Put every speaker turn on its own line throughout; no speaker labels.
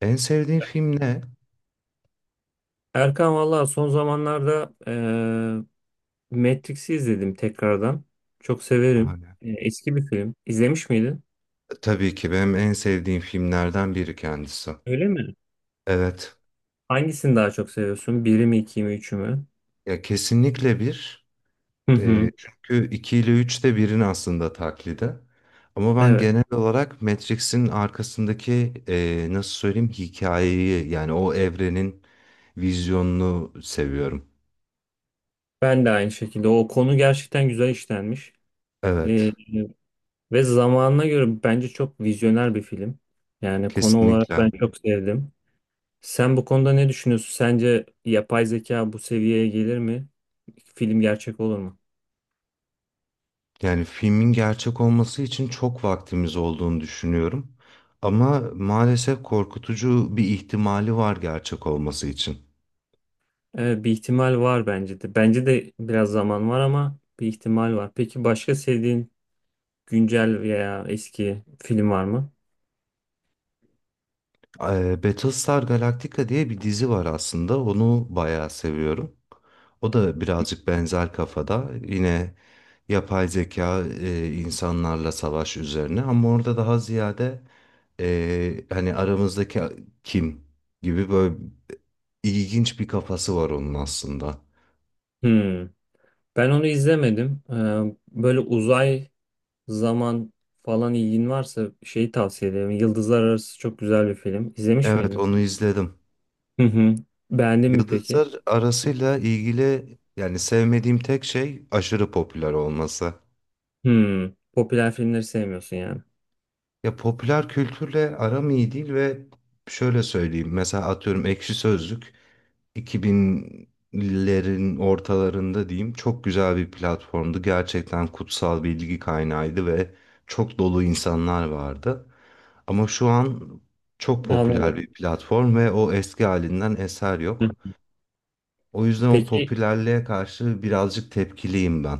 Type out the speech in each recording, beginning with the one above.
En sevdiğin film ne?
Erkan valla son zamanlarda Matrix'i izledim tekrardan. Çok severim.
Hala.
Eski bir film. İzlemiş miydin?
Tabii ki benim en sevdiğim filmlerden biri kendisi.
Öyle mi?
Evet.
Hangisini daha çok seviyorsun? Biri mi, iki mi, üçü mü?
Ya kesinlikle bir.
Hı hı.
Çünkü 2 ile 3 de birin aslında taklidi. Ama ben
Evet.
genel olarak Matrix'in arkasındaki nasıl söyleyeyim hikayeyi yani o evrenin vizyonunu seviyorum.
Ben de aynı şekilde. O konu gerçekten güzel işlenmiş. E,
Evet.
Ve zamanına göre bence çok vizyoner bir film. Yani konu olarak
Kesinlikle.
ben çok sevdim. Sen bu konuda ne düşünüyorsun? Sence yapay zeka bu seviyeye gelir mi? Film gerçek olur mu?
Yani filmin gerçek olması için çok vaktimiz olduğunu düşünüyorum. Ama maalesef korkutucu bir ihtimali var gerçek olması için.
Bir ihtimal var bence de. Bence de biraz zaman var ama bir ihtimal var. Peki başka sevdiğin güncel veya eski film var mı?
Battlestar Galactica diye bir dizi var aslında. Onu bayağı seviyorum. O da birazcık benzer kafada. Yine yapay zeka insanlarla savaş üzerine. Ama orada daha ziyade hani aramızdaki kim gibi böyle ilginç bir kafası var onun aslında.
Hmm. Ben onu izlemedim. Böyle uzay, zaman falan ilgin varsa şeyi tavsiye ederim. Yıldızlar Arası çok güzel bir film. İzlemiş
Evet
miydin?
onu izledim.
Hı hı. Beğendin mi peki?
Yıldızlar arasıyla ilgili yani sevmediğim tek şey aşırı popüler olması.
Hmm. Popüler filmleri sevmiyorsun yani.
Ya popüler kültürle aram iyi değil ve şöyle söyleyeyim. Mesela atıyorum Ekşi Sözlük 2000'lerin ortalarında diyeyim çok güzel bir platformdu. Gerçekten kutsal bilgi kaynağıydı ve çok dolu insanlar vardı. Ama şu an çok popüler
Anladım.
bir platform ve o eski halinden eser
Hı.
yok. O yüzden o
Peki,
popülerliğe karşı birazcık tepkiliyim ben.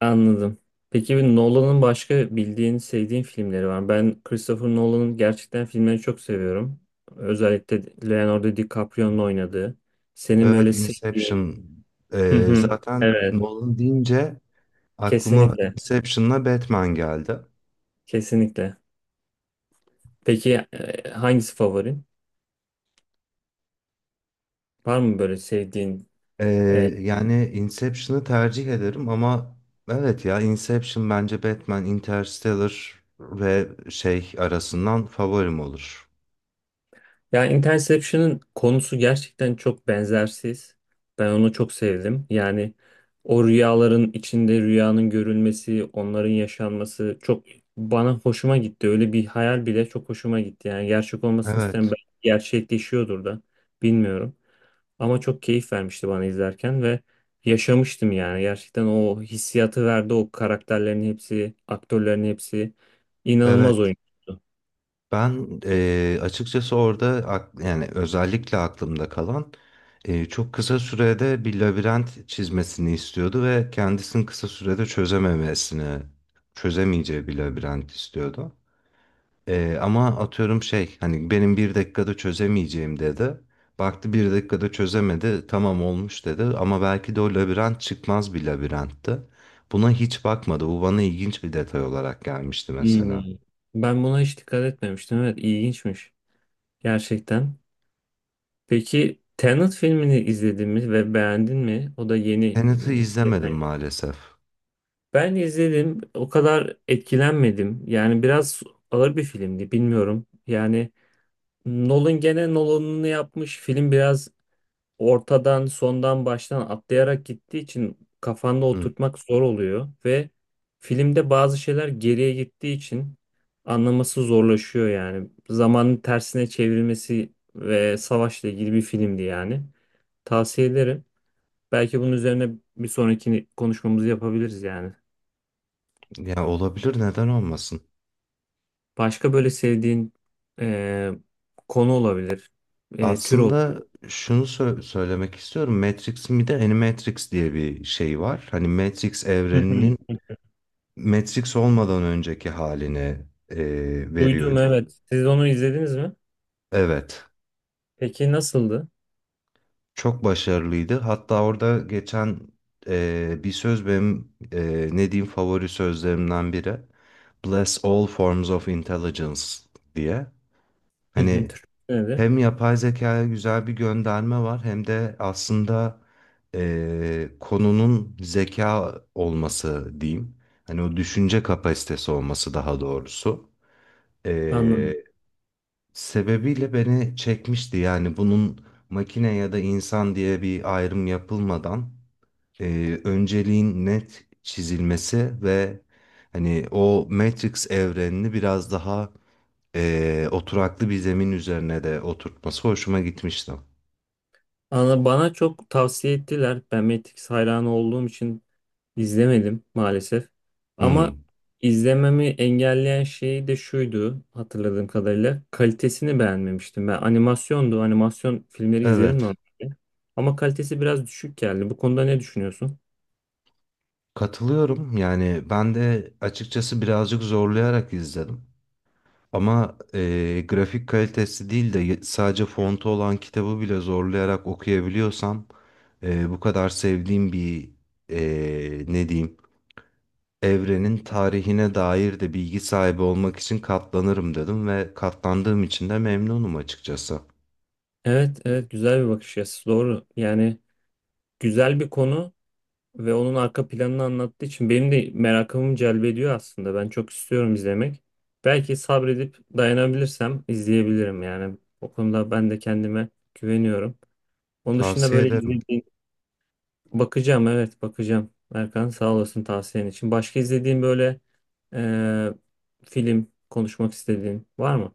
anladım. Peki bir Nolan'ın başka bildiğin, sevdiğin filmleri var mı? Ben Christopher Nolan'ın gerçekten filmlerini çok seviyorum. Özellikle Leonardo DiCaprio'nun oynadığı. Senin
Evet,
böyle sevdiğin.
Inception.
Hı hı.
Zaten
Evet,
Nolan deyince aklıma
kesinlikle.
Inception'la Batman geldi.
Kesinlikle. Peki hangisi favorin? Var mı böyle sevdiğin
Ee,
e,
Yani Inception'ı tercih ederim ama evet ya Inception bence Batman, Interstellar ve şey arasından favorim olur.
ya Interception'ın konusu gerçekten çok benzersiz. Ben onu çok sevdim. Yani o rüyaların içinde rüyanın görülmesi, onların yaşanması çok bana hoşuma gitti. Öyle bir hayal bile çok hoşuma gitti. Yani gerçek olmasını isterim.
Evet,
Belki gerçekleşiyordur da bilmiyorum. Ama çok keyif vermişti bana izlerken ve yaşamıştım yani. Gerçekten o hissiyatı verdi o karakterlerin hepsi, aktörlerin hepsi inanılmaz
evet.
oyun.
Ben açıkçası orada yani özellikle aklımda kalan çok kısa sürede bir labirent çizmesini istiyordu ve kendisinin kısa sürede çözememesini, çözemeyeceği bir labirent istiyordu. Ama atıyorum şey hani benim bir dakikada çözemeyeceğim dedi. Baktı bir dakikada çözemedi tamam olmuş dedi ama belki de o labirent çıkmaz bir labirentti. Buna hiç bakmadı. Bu bana ilginç bir detay olarak gelmişti
Hmm.
mesela.
Ben buna hiç dikkat etmemiştim. Evet, ilginçmiş. Gerçekten. Peki Tenet filmini izledin mi ve beğendin mi? O da yeni.
Tenet'i izlemedim maalesef.
Ben izledim. O kadar etkilenmedim. Yani biraz ağır bir filmdi. Bilmiyorum. Yani Nolan gene Nolan'ını yapmış. Film biraz ortadan sondan baştan atlayarak gittiği için kafanda
Hı.
oturtmak zor oluyor ve filmde bazı şeyler geriye gittiği için anlaması zorlaşıyor yani. Zamanın tersine çevrilmesi ve savaşla ilgili bir filmdi yani. Tavsiye ederim. Belki bunun üzerine bir sonraki konuşmamızı yapabiliriz yani.
Ya olabilir, neden olmasın?
Başka böyle sevdiğin e, konu olabilir, tür olabilir.
Aslında söylemek istiyorum. Matrix'in bir de Animatrix diye bir şey var. Hani Matrix
Hı
evreninin
hı.
Matrix olmadan önceki halini e,
Duydum
veriyor diyeyim.
evet. Siz onu izlediniz mi?
Evet.
Peki nasıldı?
Çok başarılıydı. Hatta orada geçen bir söz benim ne diyeyim favori sözlerimden biri. Bless all forms of intelligence diye.
Hı hı.
Hani
Türkçesi nedir?
hem yapay zekaya güzel bir gönderme var hem de aslında konunun zeka olması diyeyim. Hani o düşünce kapasitesi olması daha doğrusu.
Anladım.
Eee, Sebebiyle beni çekmişti yani bunun makine ya da insan diye bir ayrım yapılmadan önceliğin net çizilmesi ve hani o Matrix evrenini biraz daha oturaklı bir zemin üzerine de oturtması hoşuma gitmişti.
Bana çok tavsiye ettiler. Ben Matrix hayranı olduğum için izlemedim maalesef. Ama
Hmm.
izlememi engelleyen şey de şuydu hatırladığım kadarıyla. Kalitesini beğenmemiştim. Ben animasyondu. Animasyon filmleri izlerim
Evet,
normalde. Ama kalitesi biraz düşük geldi. Bu konuda ne düşünüyorsun?
katılıyorum. Yani ben de açıkçası birazcık zorlayarak izledim. Ama grafik kalitesi değil de sadece fontu olan kitabı bile zorlayarak okuyabiliyorsam bu kadar sevdiğim bir ne diyeyim evrenin tarihine dair de bilgi sahibi olmak için katlanırım dedim ve katlandığım için de memnunum açıkçası.
Evet, evet güzel bir bakış açısı. Doğru. Yani güzel bir konu. Ve onun arka planını anlattığı için benim de merakımı celbediyor aslında. Ben çok istiyorum izlemek. Belki sabredip dayanabilirsem izleyebilirim yani. O konuda ben de kendime güveniyorum. Onun dışında
Tavsiye
böyle
ederim.
izlediğim bakacağım, evet bakacağım. Erkan sağ olasın tavsiyen için. Başka izlediğin böyle eee, film konuşmak istediğin var mı?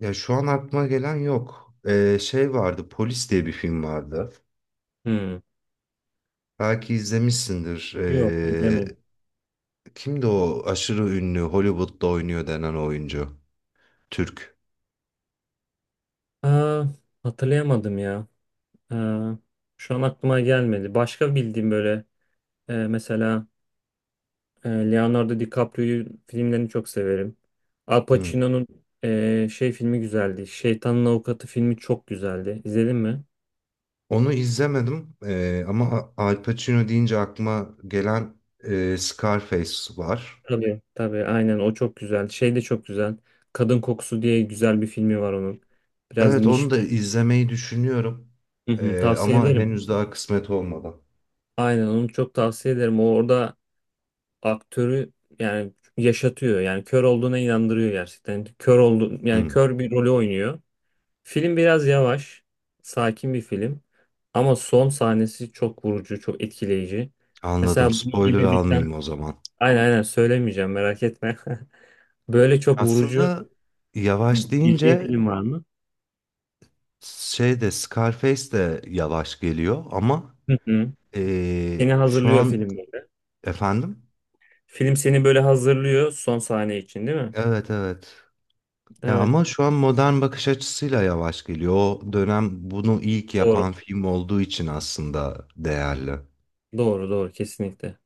Ya şu an aklıma gelen yok. Şey vardı, Polis diye bir film vardı.
Hmm.
Belki izlemişsindir.
Yok izlemedim.
Kimdi o aşırı ünlü Hollywood'da oynuyor denen oyuncu? Türk.
Aa, hatırlayamadım ya. Aa, şu an aklıma gelmedi. Başka bildiğim böyle mesela Leonardo DiCaprio'yu filmlerini çok severim. Al
Hı.
Pacino'nun şey filmi güzeldi. Şeytanın Avukatı filmi çok güzeldi. İzledin mi?
Onu izlemedim. Ama Al Pacino deyince aklıma gelen Scarface var.
Tabii. Tabii aynen o çok güzel. Şey de çok güzel. Kadın Kokusu diye güzel bir filmi var onun. Biraz
Evet
niş.
onu da izlemeyi düşünüyorum.
Hı hı, tavsiye
Ama
ederim.
henüz daha kısmet olmadı.
Aynen onu çok tavsiye ederim. O orada aktörü yani yaşatıyor. Yani kör olduğuna inandırıyor gerçekten. Kör oldu yani
Hmm,
kör bir rolü oynuyor. Film biraz yavaş, sakin bir film ama son sahnesi çok vurucu, çok etkileyici.
anladım.
Mesela bunun
Spoiler
gibi biten,
almayayım o zaman.
aynen aynen söylemeyeceğim merak etme. Böyle çok vurucu
Aslında yavaş
bildiğin
deyince
film var mı?
şey de Scarface de yavaş geliyor ama
Hı hı. Seni
şu
hazırlıyor
an
film böyle.
efendim?
Film seni böyle hazırlıyor son sahne için değil mi?
Evet evet. Ya
Evet.
ama şu an modern bakış açısıyla yavaş geliyor. O dönem bunu ilk yapan
Doğru.
film olduğu için aslında değerli.
Doğru doğru kesinlikle.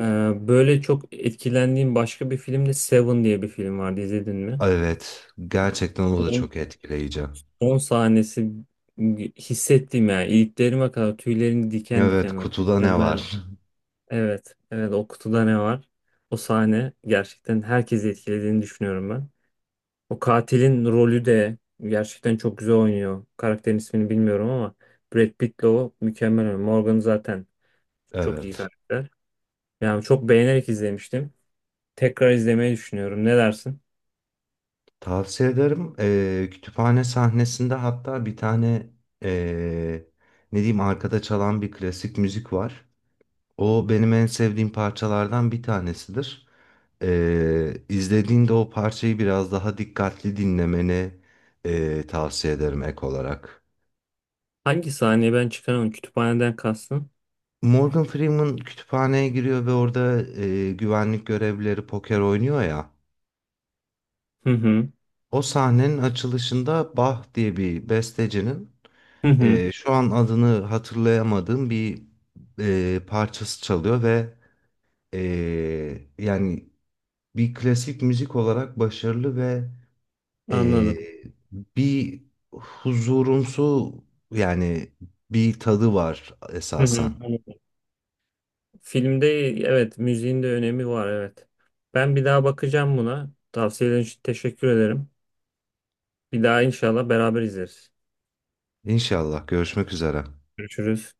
Böyle çok etkilendiğim başka bir film de Seven diye bir film vardı izledin mi?
Evet, gerçekten o da çok etkileyici.
Son sahnesi hissettim yani. İliklerime kadar tüylerim diken
Evet,
diken oldu.
kutuda ne
Mükemmel.
var?
Evet. Evet o kutuda ne var? O sahne gerçekten herkesi etkilediğini düşünüyorum ben. O katilin rolü de gerçekten çok güzel oynuyor. Karakterin ismini bilmiyorum ama Brad Pitt'le o mükemmel oynuyor. Morgan zaten çok iyi
Evet.
karakter. Yani çok beğenerek izlemiştim. Tekrar izlemeyi düşünüyorum. Ne dersin?
Tavsiye ederim. Kütüphane sahnesinde hatta bir tane ee, ne diyeyim arkada çalan bir klasik müzik var. O benim en sevdiğim parçalardan bir tanesidir. İzlediğinde o parçayı biraz daha dikkatli dinlemeni tavsiye ederim ek olarak.
Hangi sahneye ben çıkaramadım? Kütüphaneden kastın?
Morgan Freeman kütüphaneye giriyor ve orada güvenlik görevlileri poker oynuyor ya.
Hı hı.
O sahnenin açılışında Bach diye bir bestecinin
Hı hı.
şu an adını hatırlayamadığım bir parçası çalıyor ve e, yani bir klasik müzik olarak başarılı ve e,
Anladım.
bir huzurumsu yani bir tadı var
Hı
esasen.
hı. Filmde evet müziğin de önemi var evet. Ben bir daha bakacağım buna. Tavsiyelerin için teşekkür ederim. Bir daha inşallah beraber izleriz.
İnşallah görüşmek üzere.
Görüşürüz.